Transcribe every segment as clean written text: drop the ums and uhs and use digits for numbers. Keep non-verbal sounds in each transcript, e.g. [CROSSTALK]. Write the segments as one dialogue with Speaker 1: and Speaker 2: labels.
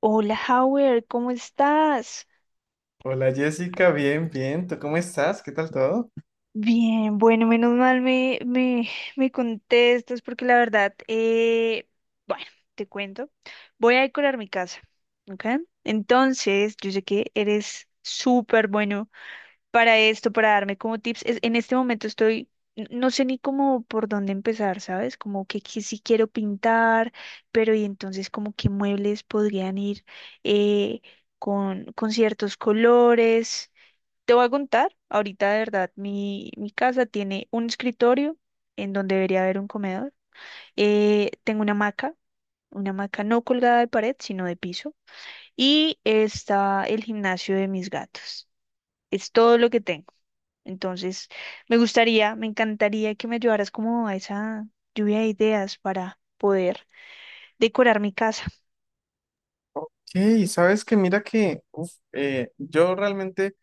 Speaker 1: Hola, Howard, ¿cómo estás?
Speaker 2: Hola Jessica, bien, bien. ¿Tú cómo estás? ¿Qué tal todo?
Speaker 1: Bien, bueno, menos mal me contestas porque la verdad, bueno, te cuento, voy a decorar mi casa, ¿ok? Entonces, yo sé que eres súper bueno para esto, para darme como tips. En este momento estoy, no sé ni cómo por dónde empezar, ¿sabes? Como que sí quiero pintar, pero y entonces como que muebles podrían ir eh, con ciertos colores. Te voy a contar, ahorita de verdad, mi casa tiene un escritorio en donde debería haber un comedor. Tengo una hamaca no colgada de pared, sino de piso. Y está el gimnasio de mis gatos. Es todo lo que tengo. Entonces, me encantaría que me ayudaras como a esa lluvia de ideas para poder decorar mi casa.
Speaker 2: Sí, sabes que mira que yo realmente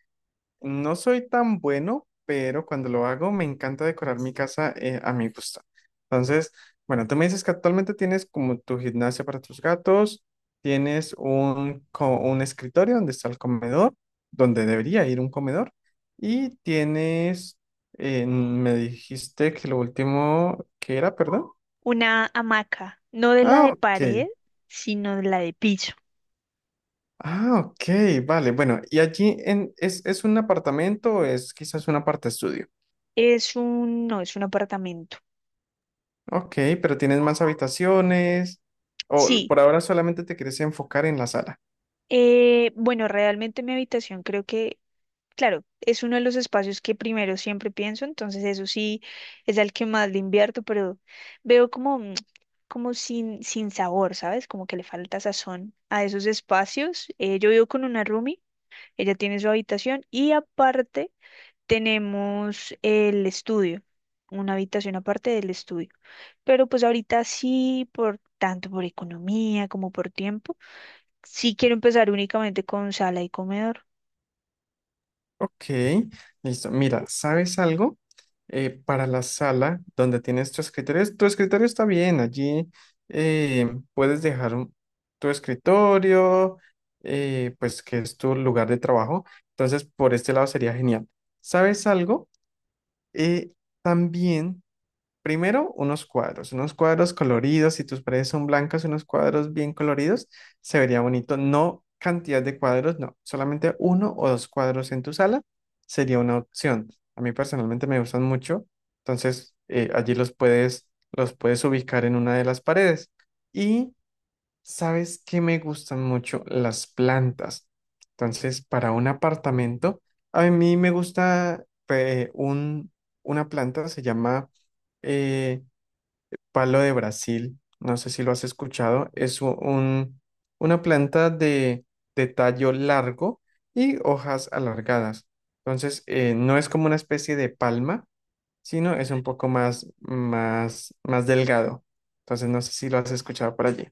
Speaker 2: no soy tan bueno, pero cuando lo hago me encanta decorar mi casa a mi gusto. Entonces, bueno, tú me dices que actualmente tienes como tu gimnasia para tus gatos, tienes un escritorio donde está el comedor, donde debería ir un comedor, y tienes, me dijiste que lo último que era, perdón.
Speaker 1: Una hamaca, no de la
Speaker 2: Ah,
Speaker 1: de pared,
Speaker 2: ok.
Speaker 1: sino de la de piso.
Speaker 2: Ah, ok, vale. Bueno, y allí es un apartamento o es quizás una parte estudio.
Speaker 1: Es un, no, es un apartamento.
Speaker 2: Ok, pero tienes más habitaciones, o
Speaker 1: Sí.
Speaker 2: por ahora solamente te quieres enfocar en la sala.
Speaker 1: Bueno, realmente mi habitación creo que, claro, es uno de los espacios que primero siempre pienso, entonces eso sí es al que más le invierto, pero veo como, como sin sabor, ¿sabes? Como que le falta sazón a esos espacios. Yo vivo con una roomie, ella tiene su habitación y aparte tenemos el estudio, una habitación aparte del estudio. Pero pues ahorita sí, por tanto por economía como por tiempo sí quiero empezar únicamente con sala y comedor.
Speaker 2: Ok, listo. Mira, ¿sabes algo? Para la sala donde tienes tu escritorio está bien. Allí eh, puedes dejar tu escritorio, pues que es tu lugar de trabajo. Entonces, por este lado sería genial. ¿Sabes algo? Eh, también Primero, unos cuadros coloridos. Si tus paredes son blancas, unos cuadros bien coloridos, se vería bonito. No cantidad de cuadros, no. Solamente uno o dos cuadros en tu sala sería una opción. A mí personalmente me gustan mucho. Entonces, allí los puedes ubicar en una de las paredes. Y sabes que me gustan mucho las plantas. Entonces, para un apartamento, a mí me gusta una planta, se llama eh, palo de Brasil. No sé si lo has escuchado. Es un, una planta de tallo largo y hojas alargadas. Entonces, no es como una especie de palma, sino es un poco más, más, más delgado. Entonces, no sé si lo has escuchado por allí.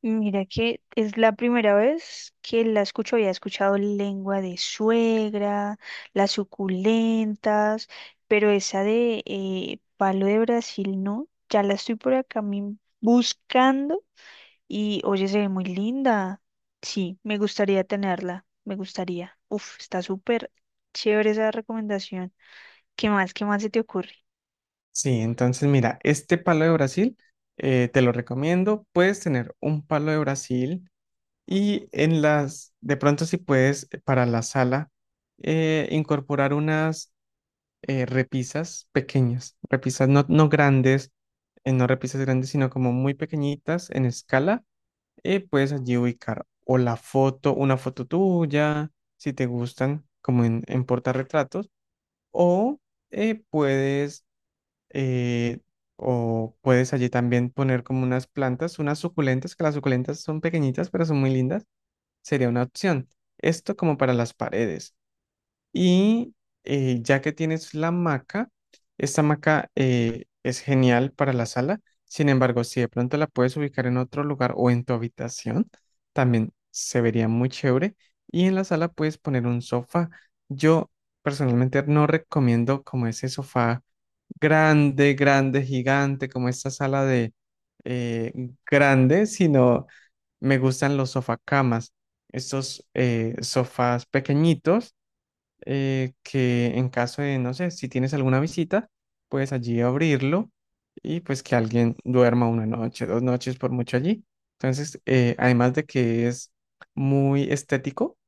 Speaker 1: Mira que es la primera vez que la escucho, había escuchado lengua de suegra, las suculentas, pero esa de palo de Brasil no, ya la estoy por acá buscando y oye, se ve muy linda. Sí, me gustaría tenerla, me gustaría. Uf, está súper chévere esa recomendación. ¿Qué más? ¿Qué más se te ocurre?
Speaker 2: Sí, entonces mira, este palo de Brasil te lo recomiendo. Puedes tener un palo de Brasil y en las, de pronto si puedes para la sala incorporar unas repisas pequeñas, repisas no, no grandes, no repisas grandes, sino como muy pequeñitas en escala. Puedes allí ubicar o la foto, una foto tuya, si te gustan, como en portarretratos, o puedes eh, o puedes allí también poner como unas plantas, unas suculentas, que las suculentas son pequeñitas, pero son muy lindas. Sería una opción. Esto como para las paredes. Y ya que tienes la hamaca, esta hamaca es genial para la sala. Sin embargo, si de pronto la puedes ubicar en otro lugar o en tu habitación, también se vería muy chévere. Y en la sala puedes poner un sofá. Yo personalmente no recomiendo como ese sofá grande, grande, gigante, como esta sala de eh, grande, sino me gustan los sofacamas, estos sofás pequeñitos que en caso de, no sé, si tienes alguna visita, puedes allí abrirlo y pues que alguien duerma una noche, dos noches por mucho allí. Entonces, además de que es muy estético,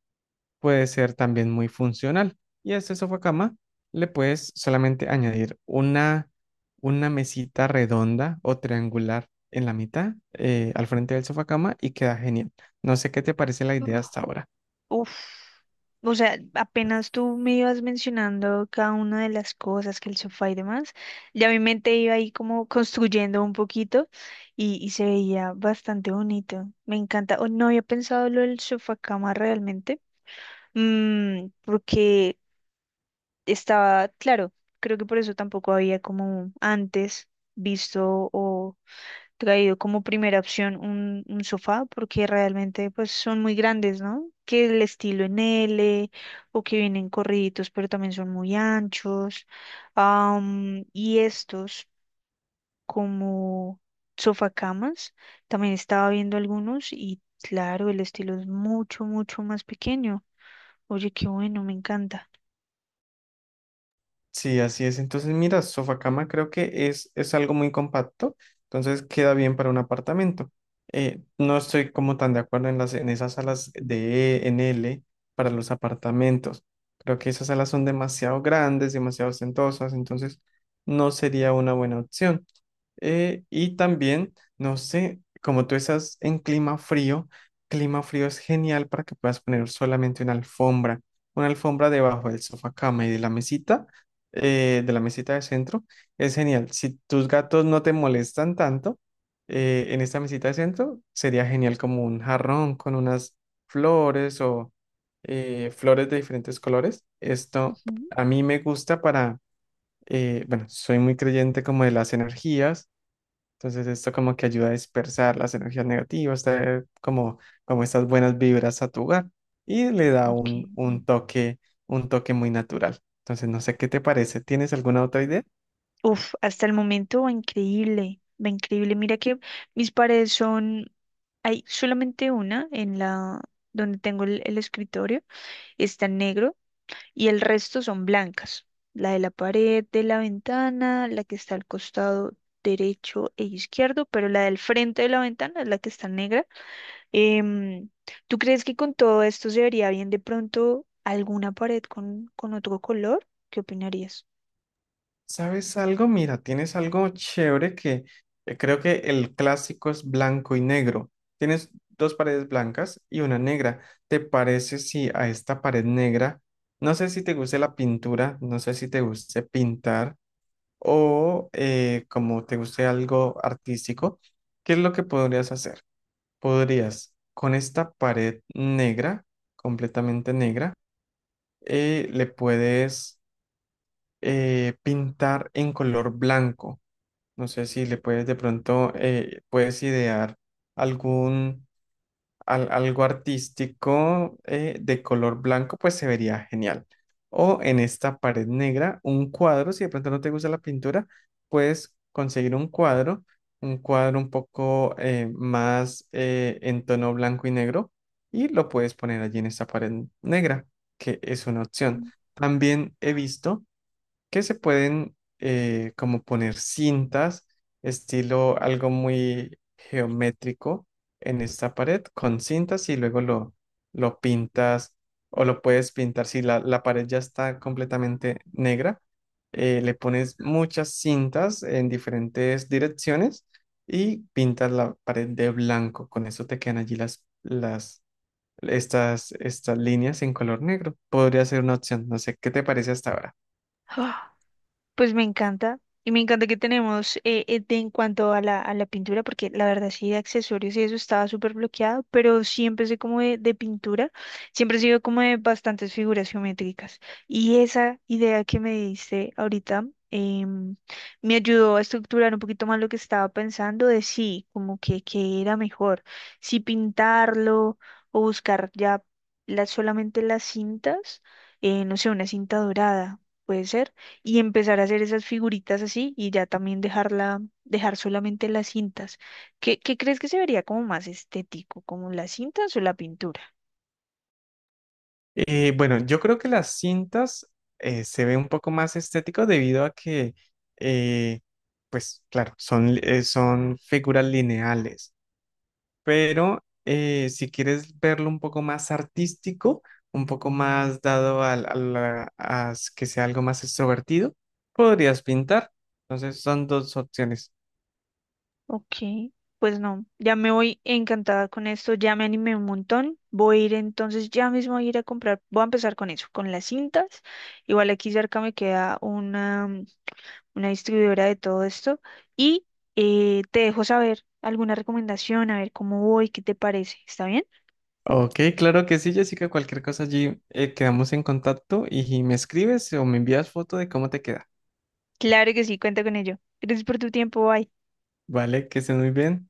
Speaker 2: puede ser también muy funcional. Y a este sofá cama le puedes solamente añadir una mesita redonda o triangular en la mitad, al frente del sofá cama y queda genial. No sé qué te parece la idea hasta ahora.
Speaker 1: Uf, o sea, apenas tú me ibas mencionando cada una de las cosas, que el sofá y demás, ya mi mente iba ahí como construyendo un poquito y se veía bastante bonito. Me encanta. Oh, no había pensado lo del sofá cama realmente, mm, porque estaba, claro, creo que por eso tampoco había como antes visto o traído como primera opción un sofá porque realmente pues son muy grandes, ¿no? Que el estilo en L o que vienen corriditos pero también son muy anchos. Am, y estos como sofacamas, también estaba viendo algunos y claro, el estilo es mucho, mucho más pequeño. Oye, qué bueno, me encanta.
Speaker 2: Sí, así es. Entonces, mira, sofacama creo que es algo muy compacto, entonces queda bien para un apartamento. No estoy como tan de acuerdo en las, en esas salas de E, en L para los apartamentos. Creo que esas salas son demasiado grandes, demasiado ostentosas, entonces no sería una buena opción. Y también, no sé, como tú estás en clima frío es genial para que puedas poner solamente una alfombra debajo del sofá cama y de la mesita, de la mesita de centro, es genial. Si tus gatos no te molestan tanto, en esta mesita de centro, sería genial como un jarrón con unas flores o flores de diferentes colores. Esto
Speaker 1: Ujú.
Speaker 2: a mí me gusta para, bueno, soy muy creyente como de las energías, entonces esto como que ayuda a dispersar las energías negativas, traer como, como estas buenas vibras a tu hogar y le da
Speaker 1: Ok.
Speaker 2: un toque muy natural. Entonces no sé qué te parece. ¿Tienes alguna otra idea?
Speaker 1: Uf, hasta el momento va increíble, va increíble. Mira que mis paredes son. Hay solamente una en la donde tengo el escritorio, está en negro y el resto son blancas. La de la pared, de la ventana, la que está al costado derecho e izquierdo, pero la del frente de la ventana es la que está negra. Em, ¿tú crees que con todo esto se vería bien de pronto alguna pared con otro color? ¿Qué opinarías?
Speaker 2: ¿Sabes algo? Mira, tienes algo chévere que creo que el clásico es blanco y negro. Tienes dos paredes blancas y una negra. ¿Te parece si a esta pared negra, no sé si te guste la pintura, no sé si te guste pintar? O como te guste algo artístico, ¿qué es lo que podrías hacer? Podrías con esta pared negra, completamente negra, le puedes pintar en color blanco. No sé si le puedes de pronto, puedes idear algún algo artístico de color blanco, pues se vería genial. O en esta pared negra, un cuadro, si de pronto no te gusta la pintura, puedes conseguir un cuadro, un cuadro un poco más en tono blanco y negro, y lo puedes poner allí en esta pared negra, que es una opción. También he visto que se pueden como poner cintas, estilo algo muy geométrico en esta pared con cintas y luego lo pintas o lo puedes pintar si la pared ya está completamente negra. Le pones muchas cintas en diferentes direcciones y pintas la pared de blanco. Con eso te quedan allí estas, estas líneas en color negro. Podría ser una opción. No sé, ¿qué te parece hasta ahora?
Speaker 1: [GASPS] [SIGHS] Pues me encanta. Y me encanta que tenemos en cuanto a a la pintura, porque la verdad sí de accesorios y eso estaba súper bloqueado, pero sí empecé como de pintura, siempre he sido como de bastantes figuras geométricas. Y esa idea que me diste ahorita me ayudó a estructurar un poquito más lo que estaba pensando de sí, como que era mejor, si pintarlo o buscar ya solamente las cintas, no sé, una cinta dorada, puede ser y empezar a hacer esas figuritas así y ya también dejarla, dejar solamente las cintas. ¿Qué, qué crees que se vería como más estético, como las cintas o la pintura?
Speaker 2: Bueno, yo creo que las cintas se ve un poco más estético debido a que, eh, pues claro, son, son figuras lineales, pero si quieres verlo un poco más artístico, un poco más dado al- a, la- a s- que sea algo más extrovertido, podrías pintar. Entonces son dos opciones.
Speaker 1: Ok, pues no, ya me voy encantada con esto, ya me animé un montón. Voy a ir entonces, ya mismo a ir a comprar, voy a empezar con eso, con las cintas. Igual aquí cerca me queda una, una distribuidora de todo esto y te dejo saber alguna recomendación, a ver cómo voy, qué te parece, ¿está bien?
Speaker 2: Ok, claro que sí, Jessica, cualquier cosa allí quedamos en contacto y me escribes o me envías foto de cómo te queda.
Speaker 1: Claro que sí, cuenta con ello. Gracias por tu tiempo, bye.
Speaker 2: Vale, que estés muy bien.